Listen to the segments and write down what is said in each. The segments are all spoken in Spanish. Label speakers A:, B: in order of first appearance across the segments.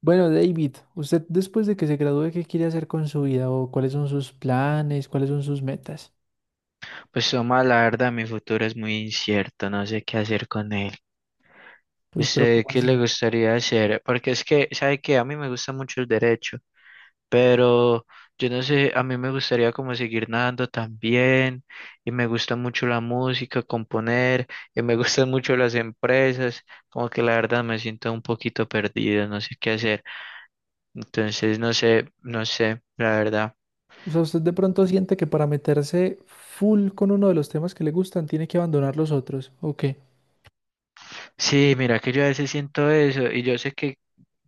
A: Bueno, David, ¿usted después de que se gradúe, qué quiere hacer con su vida o cuáles son sus planes, cuáles son sus metas?
B: Pues toma, la verdad, mi futuro es muy incierto, no sé qué hacer con él.
A: Uy, pero
B: ¿Usted
A: ¿cómo
B: qué le
A: así?
B: gustaría hacer? Porque es que, ¿sabe qué? A mí me gusta mucho el derecho, pero yo no sé, a mí me gustaría como seguir nadando también, y me gusta mucho la música, componer, y me gustan mucho las empresas, como que la verdad me siento un poquito perdido, no sé qué hacer. Entonces, no sé, la verdad.
A: O sea, usted de pronto siente que para meterse full con uno de los temas que le gustan, tiene que abandonar los otros, ¿o qué?
B: Sí, mira que yo a veces siento eso y yo sé que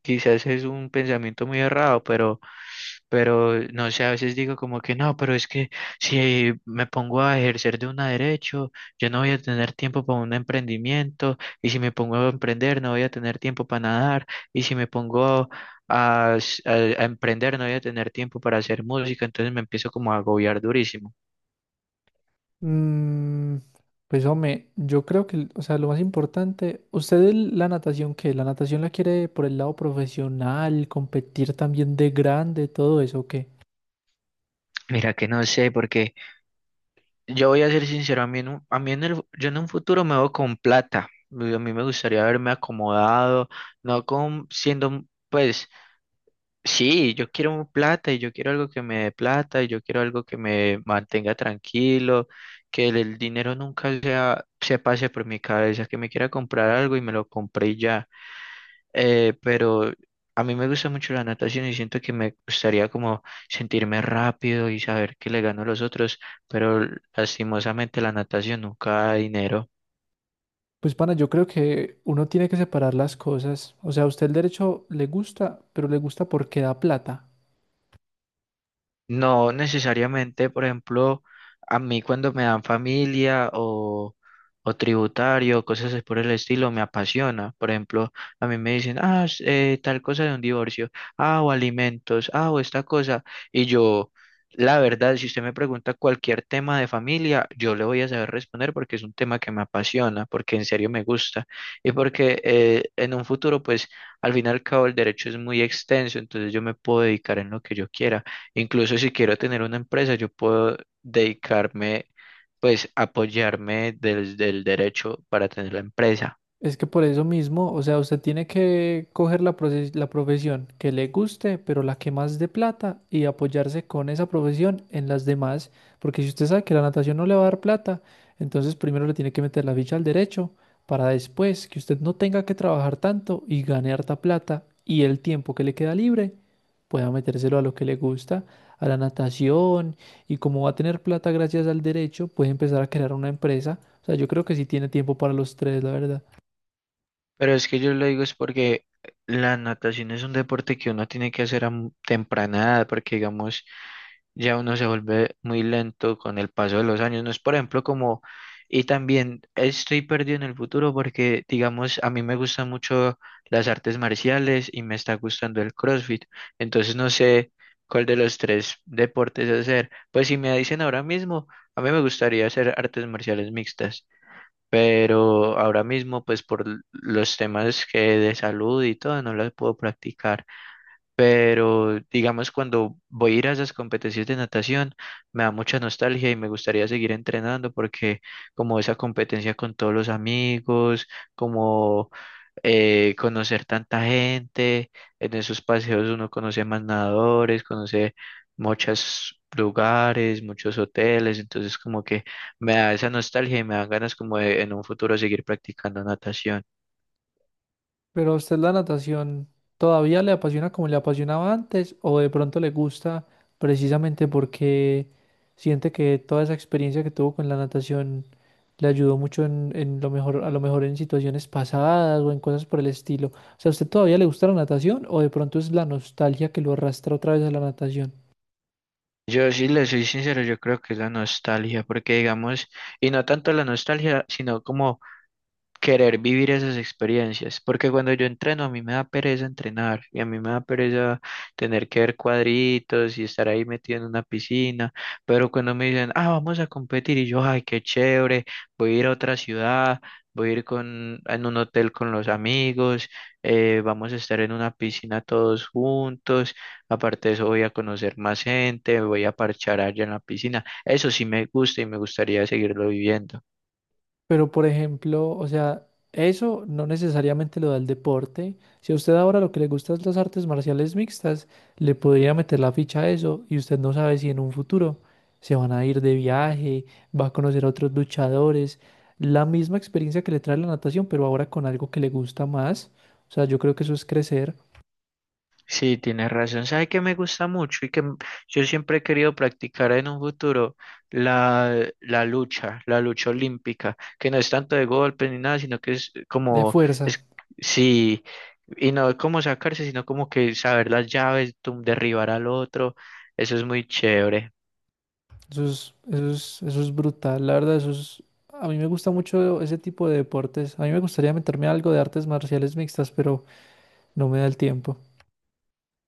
B: quizás es un pensamiento muy errado, pero no sé, a veces digo como que no, pero es que si me pongo a ejercer de una derecho, yo no voy a tener tiempo para un emprendimiento y si me pongo a emprender no voy a tener tiempo para nadar y si me pongo a, s- a- a emprender no voy a tener tiempo para hacer música, entonces me empiezo como a agobiar durísimo.
A: Mm, pues hombre, yo creo que, o sea, lo más importante, ¿usted la natación qué? ¿La natación la quiere por el lado profesional, competir también de grande, todo eso, o qué?
B: Mira que no sé porque yo voy a ser sincero, a mí en el, yo en un futuro me veo con plata. Y a mí me gustaría haberme acomodado, no con siendo, pues, sí, yo quiero plata y yo quiero algo que me dé plata y yo quiero algo que me mantenga tranquilo, que el dinero nunca sea, se pase por mi cabeza, que me quiera comprar algo y me lo compré y ya pero a mí me gusta mucho la natación y siento que me gustaría como sentirme rápido y saber que le gano a los otros, pero lastimosamente la natación nunca da dinero.
A: Pues, pana, yo creo que uno tiene que separar las cosas. O sea, a usted el derecho le gusta, pero le gusta porque da plata.
B: No necesariamente, por ejemplo, a mí cuando me dan familia o tributario, cosas así por el estilo, me apasiona. Por ejemplo, a mí me dicen, ah, tal cosa de un divorcio, ah, o alimentos, ah, o esta cosa. Y yo, la verdad, si usted me pregunta cualquier tema de familia, yo le voy a saber responder porque es un tema que me apasiona, porque en serio me gusta y porque en un futuro, pues, al fin y al cabo, el derecho es muy extenso, entonces yo me puedo dedicar en lo que yo quiera. Incluso si quiero tener una empresa, yo puedo dedicarme, pues apoyarme desde el derecho para tener la empresa.
A: Es que por eso mismo, o sea, usted tiene que coger la, la profesión que le guste, pero la que más dé plata y apoyarse con esa profesión en las demás, porque si usted sabe que la natación no le va a dar plata, entonces primero le tiene que meter la ficha al derecho para después que usted no tenga que trabajar tanto y gane harta plata y el tiempo que le queda libre pueda metérselo a lo que le gusta, a la natación y como va a tener plata gracias al derecho, puede empezar a crear una empresa. O sea, yo creo que sí tiene tiempo para los tres, la verdad.
B: Pero es que yo lo digo es porque la natación es un deporte que uno tiene que hacer a temprana edad, porque digamos, ya uno se vuelve muy lento con el paso de los años. No es, por ejemplo, como, y también estoy perdido en el futuro porque, digamos, a mí me gustan mucho las artes marciales y me está gustando el CrossFit. Entonces no sé cuál de los tres deportes hacer. Pues si me dicen ahora mismo, a mí me gustaría hacer artes marciales mixtas. Pero ahora mismo, pues por los temas que de salud y todo, no las puedo practicar. Pero digamos, cuando voy a ir a esas competencias de natación, me da mucha nostalgia y me gustaría seguir entrenando porque como esa competencia con todos los amigos, como conocer tanta gente, en esos paseos uno conoce más nadadores, conoce muchos lugares, muchos hoteles, entonces como que me da esa nostalgia y me dan ganas como de en un futuro seguir practicando natación.
A: Pero a usted la natación todavía le apasiona como le apasionaba antes o de pronto le gusta precisamente porque siente que toda esa experiencia que tuvo con la natación le ayudó mucho en lo mejor, a lo mejor en situaciones pasadas o en cosas por el estilo. O sea, ¿a usted todavía le gusta la natación o de pronto es la nostalgia que lo arrastra otra vez a la natación?
B: Yo sí le soy sincero, yo creo que es la nostalgia, porque digamos, y no tanto la nostalgia, sino como querer vivir esas experiencias, porque cuando yo entreno a mí me da pereza entrenar y a mí me da pereza tener que ver cuadritos y estar ahí metido en una piscina, pero cuando me dicen, ah, vamos a competir y yo, ay, qué chévere, voy a ir a otra ciudad, voy a ir con, en un hotel con los amigos, vamos a estar en una piscina todos juntos, aparte de eso voy a conocer más gente, voy a parchar allá en la piscina, eso sí me gusta y me gustaría seguirlo viviendo.
A: Pero, por ejemplo, o sea, eso no necesariamente lo da el deporte. Si a usted ahora lo que le gusta es las artes marciales mixtas, le podría meter la ficha a eso y usted no sabe si en un futuro se van a ir de viaje, va a conocer a otros luchadores. La misma experiencia que le trae la natación, pero ahora con algo que le gusta más. O sea, yo creo que eso es crecer
B: Sí, tienes razón. ¿Sabes qué me gusta mucho y que yo siempre he querido practicar en un futuro? La lucha, la lucha olímpica, que no es tanto de golpes ni nada, sino que es
A: de
B: como,
A: fuerza.
B: es, sí, y no es como sacarse, sino como que saber las llaves, derribar al otro. Eso es muy chévere.
A: Eso es, eso es, eso es brutal. La verdad, eso es... A mí me gusta mucho ese tipo de deportes. A mí me gustaría meterme a algo de artes marciales mixtas, pero... No me da el tiempo.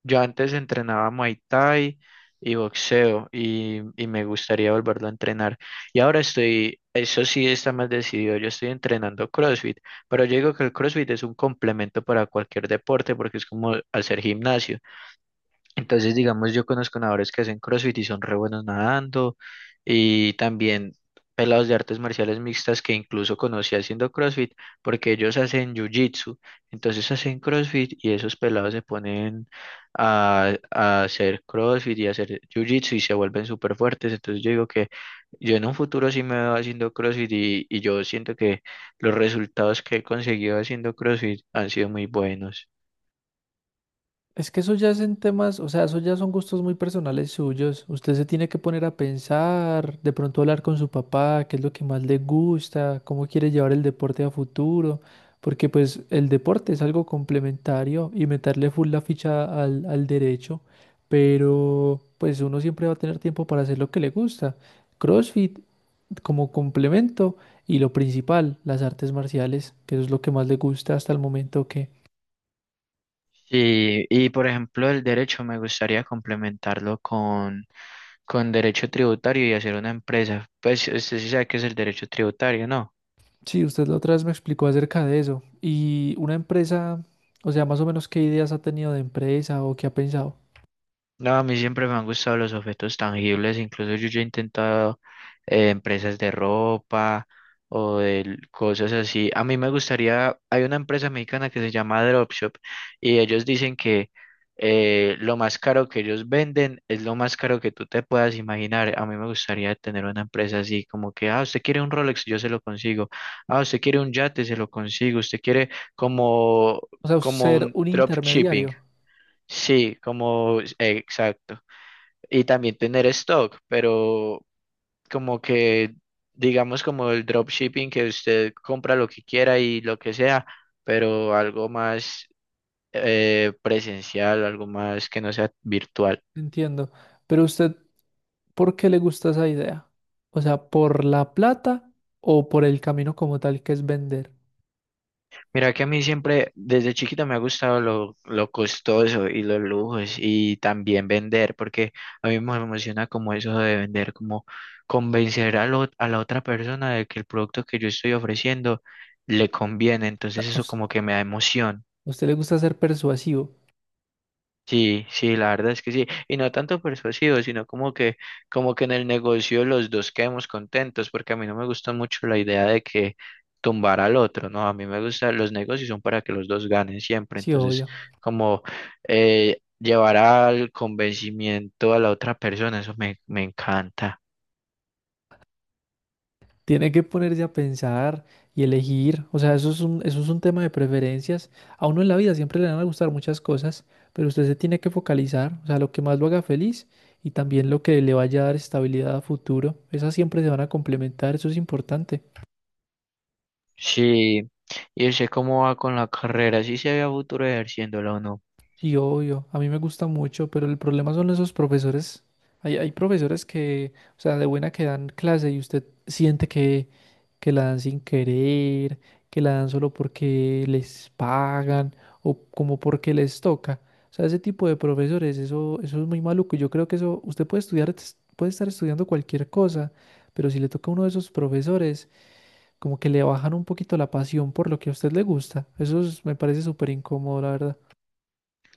B: Yo antes entrenaba Muay Thai y boxeo y me gustaría volverlo a entrenar. Y ahora estoy, eso sí está más decidido, yo estoy entrenando CrossFit, pero yo digo que el CrossFit es un complemento para cualquier deporte porque es como hacer gimnasio. Entonces, digamos, yo conozco nadadores que hacen CrossFit y son re buenos nadando, y también pelados de artes marciales mixtas que incluso conocí haciendo CrossFit, porque ellos hacen Jiu-Jitsu, entonces hacen CrossFit y esos pelados se ponen a hacer CrossFit y a hacer Jiu-Jitsu y se vuelven súper fuertes. Entonces, yo digo que yo en un futuro sí me veo haciendo CrossFit y yo siento que los resultados que he conseguido haciendo CrossFit han sido muy buenos.
A: Es que eso ya es en temas, o sea, eso ya son gustos muy personales suyos. Usted se tiene que poner a pensar, de pronto hablar con su papá, qué es lo que más le gusta, cómo quiere llevar el deporte a futuro, porque pues el deporte es algo complementario y meterle full la ficha al, al derecho, pero pues uno siempre va a tener tiempo para hacer lo que le gusta. CrossFit como complemento y lo principal, las artes marciales, que eso es lo que más le gusta hasta el momento.
B: Sí, y por ejemplo, el derecho me gustaría complementarlo con derecho tributario y hacer una empresa. Pues usted sí sabe qué es el derecho tributario, ¿no?
A: Sí, usted la otra vez me explicó acerca de eso. Y una empresa, o sea, más o menos qué ideas ha tenido de empresa o qué ha pensado.
B: No, a mí siempre me han gustado los objetos tangibles, incluso yo ya he intentado empresas de ropa o de cosas así. A mí me gustaría, hay una empresa mexicana que se llama Dropshop y ellos dicen que lo más caro que ellos venden es lo más caro que tú te puedas imaginar. A mí me gustaría tener una empresa así, como que, ah, usted quiere un Rolex, yo se lo consigo. Ah, usted quiere un yate, se lo consigo. Usted quiere como,
A: O sea,
B: como
A: ser
B: un
A: un
B: dropshipping.
A: intermediario,
B: Sí, como, exacto y también tener stock, pero como que digamos como el dropshipping que usted compra lo que quiera y lo que sea, pero algo más presencial, algo más que no sea virtual.
A: entiendo. Pero usted, ¿por qué le gusta esa idea? O sea, ¿por la plata o por el camino como tal que es vender?
B: Mira que a mí siempre, desde chiquito me ha gustado lo costoso y los lujos y también vender, porque a mí me emociona como eso de vender, como convencer a, a la otra persona de que el producto que yo estoy ofreciendo le conviene,
A: O sea,
B: entonces eso como que me da emoción.
A: A usted le gusta ser persuasivo?
B: Sí, sí, la verdad es que sí, y no tanto persuasivo, sino como que en el negocio los dos quedemos contentos, porque a mí no me gusta mucho la idea de que tumbar al otro, ¿no? A mí me gusta, los negocios son para que los dos ganen siempre,
A: Sí,
B: entonces
A: obvio.
B: como llevar al convencimiento a la otra persona, eso me, me encanta.
A: Tiene que ponerse a pensar y elegir, o sea, eso es un tema de preferencias. A uno en la vida siempre le van a gustar muchas cosas, pero usted se tiene que focalizar, o sea, lo que más lo haga feliz y también lo que le vaya a dar estabilidad a futuro. Esas siempre se van a complementar, eso es importante.
B: Sí, y sé cómo va con la carrera, si se había futuro ejerciéndola o no.
A: Sí, obvio, a mí me gusta mucho, pero el problema son esos profesores. Hay profesores que, o sea, de buena que dan clase y usted siente que la dan sin querer, que la dan solo porque les pagan o como porque les toca. O sea, ese tipo de profesores, eso es muy maluco. Yo creo que eso, usted puede estudiar, puede estar estudiando cualquier cosa, pero si le toca a uno de esos profesores, como que le bajan un poquito la pasión por lo que a usted le gusta. Me parece súper incómodo, la verdad.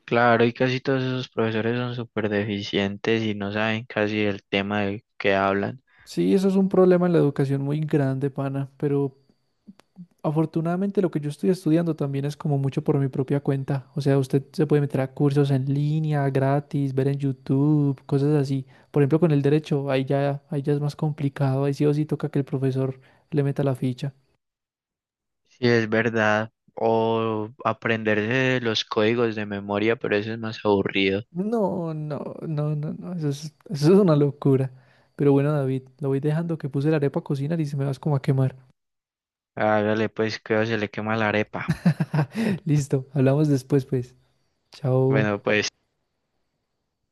B: Claro, y casi todos esos profesores son súper deficientes y no saben casi el tema del que hablan.
A: Sí, eso es un problema en la educación muy grande, pana, pero afortunadamente lo que yo estoy estudiando también es como mucho por mi propia cuenta. O sea, usted se puede meter a cursos en línea, gratis, ver en YouTube, cosas así. Por ejemplo, con el derecho, ahí ya es más complicado, ahí sí o sí toca que el profesor le meta la ficha.
B: Sí es verdad, o aprenderse los códigos de memoria, pero eso es más aburrido.
A: No, eso es, eso es una locura. Pero bueno, David, lo voy dejando que puse la arepa a cocinar y se me vas como a quemar.
B: Hágale pues que se le quema la arepa.
A: Listo, hablamos después, pues. Chao.
B: Bueno, pues.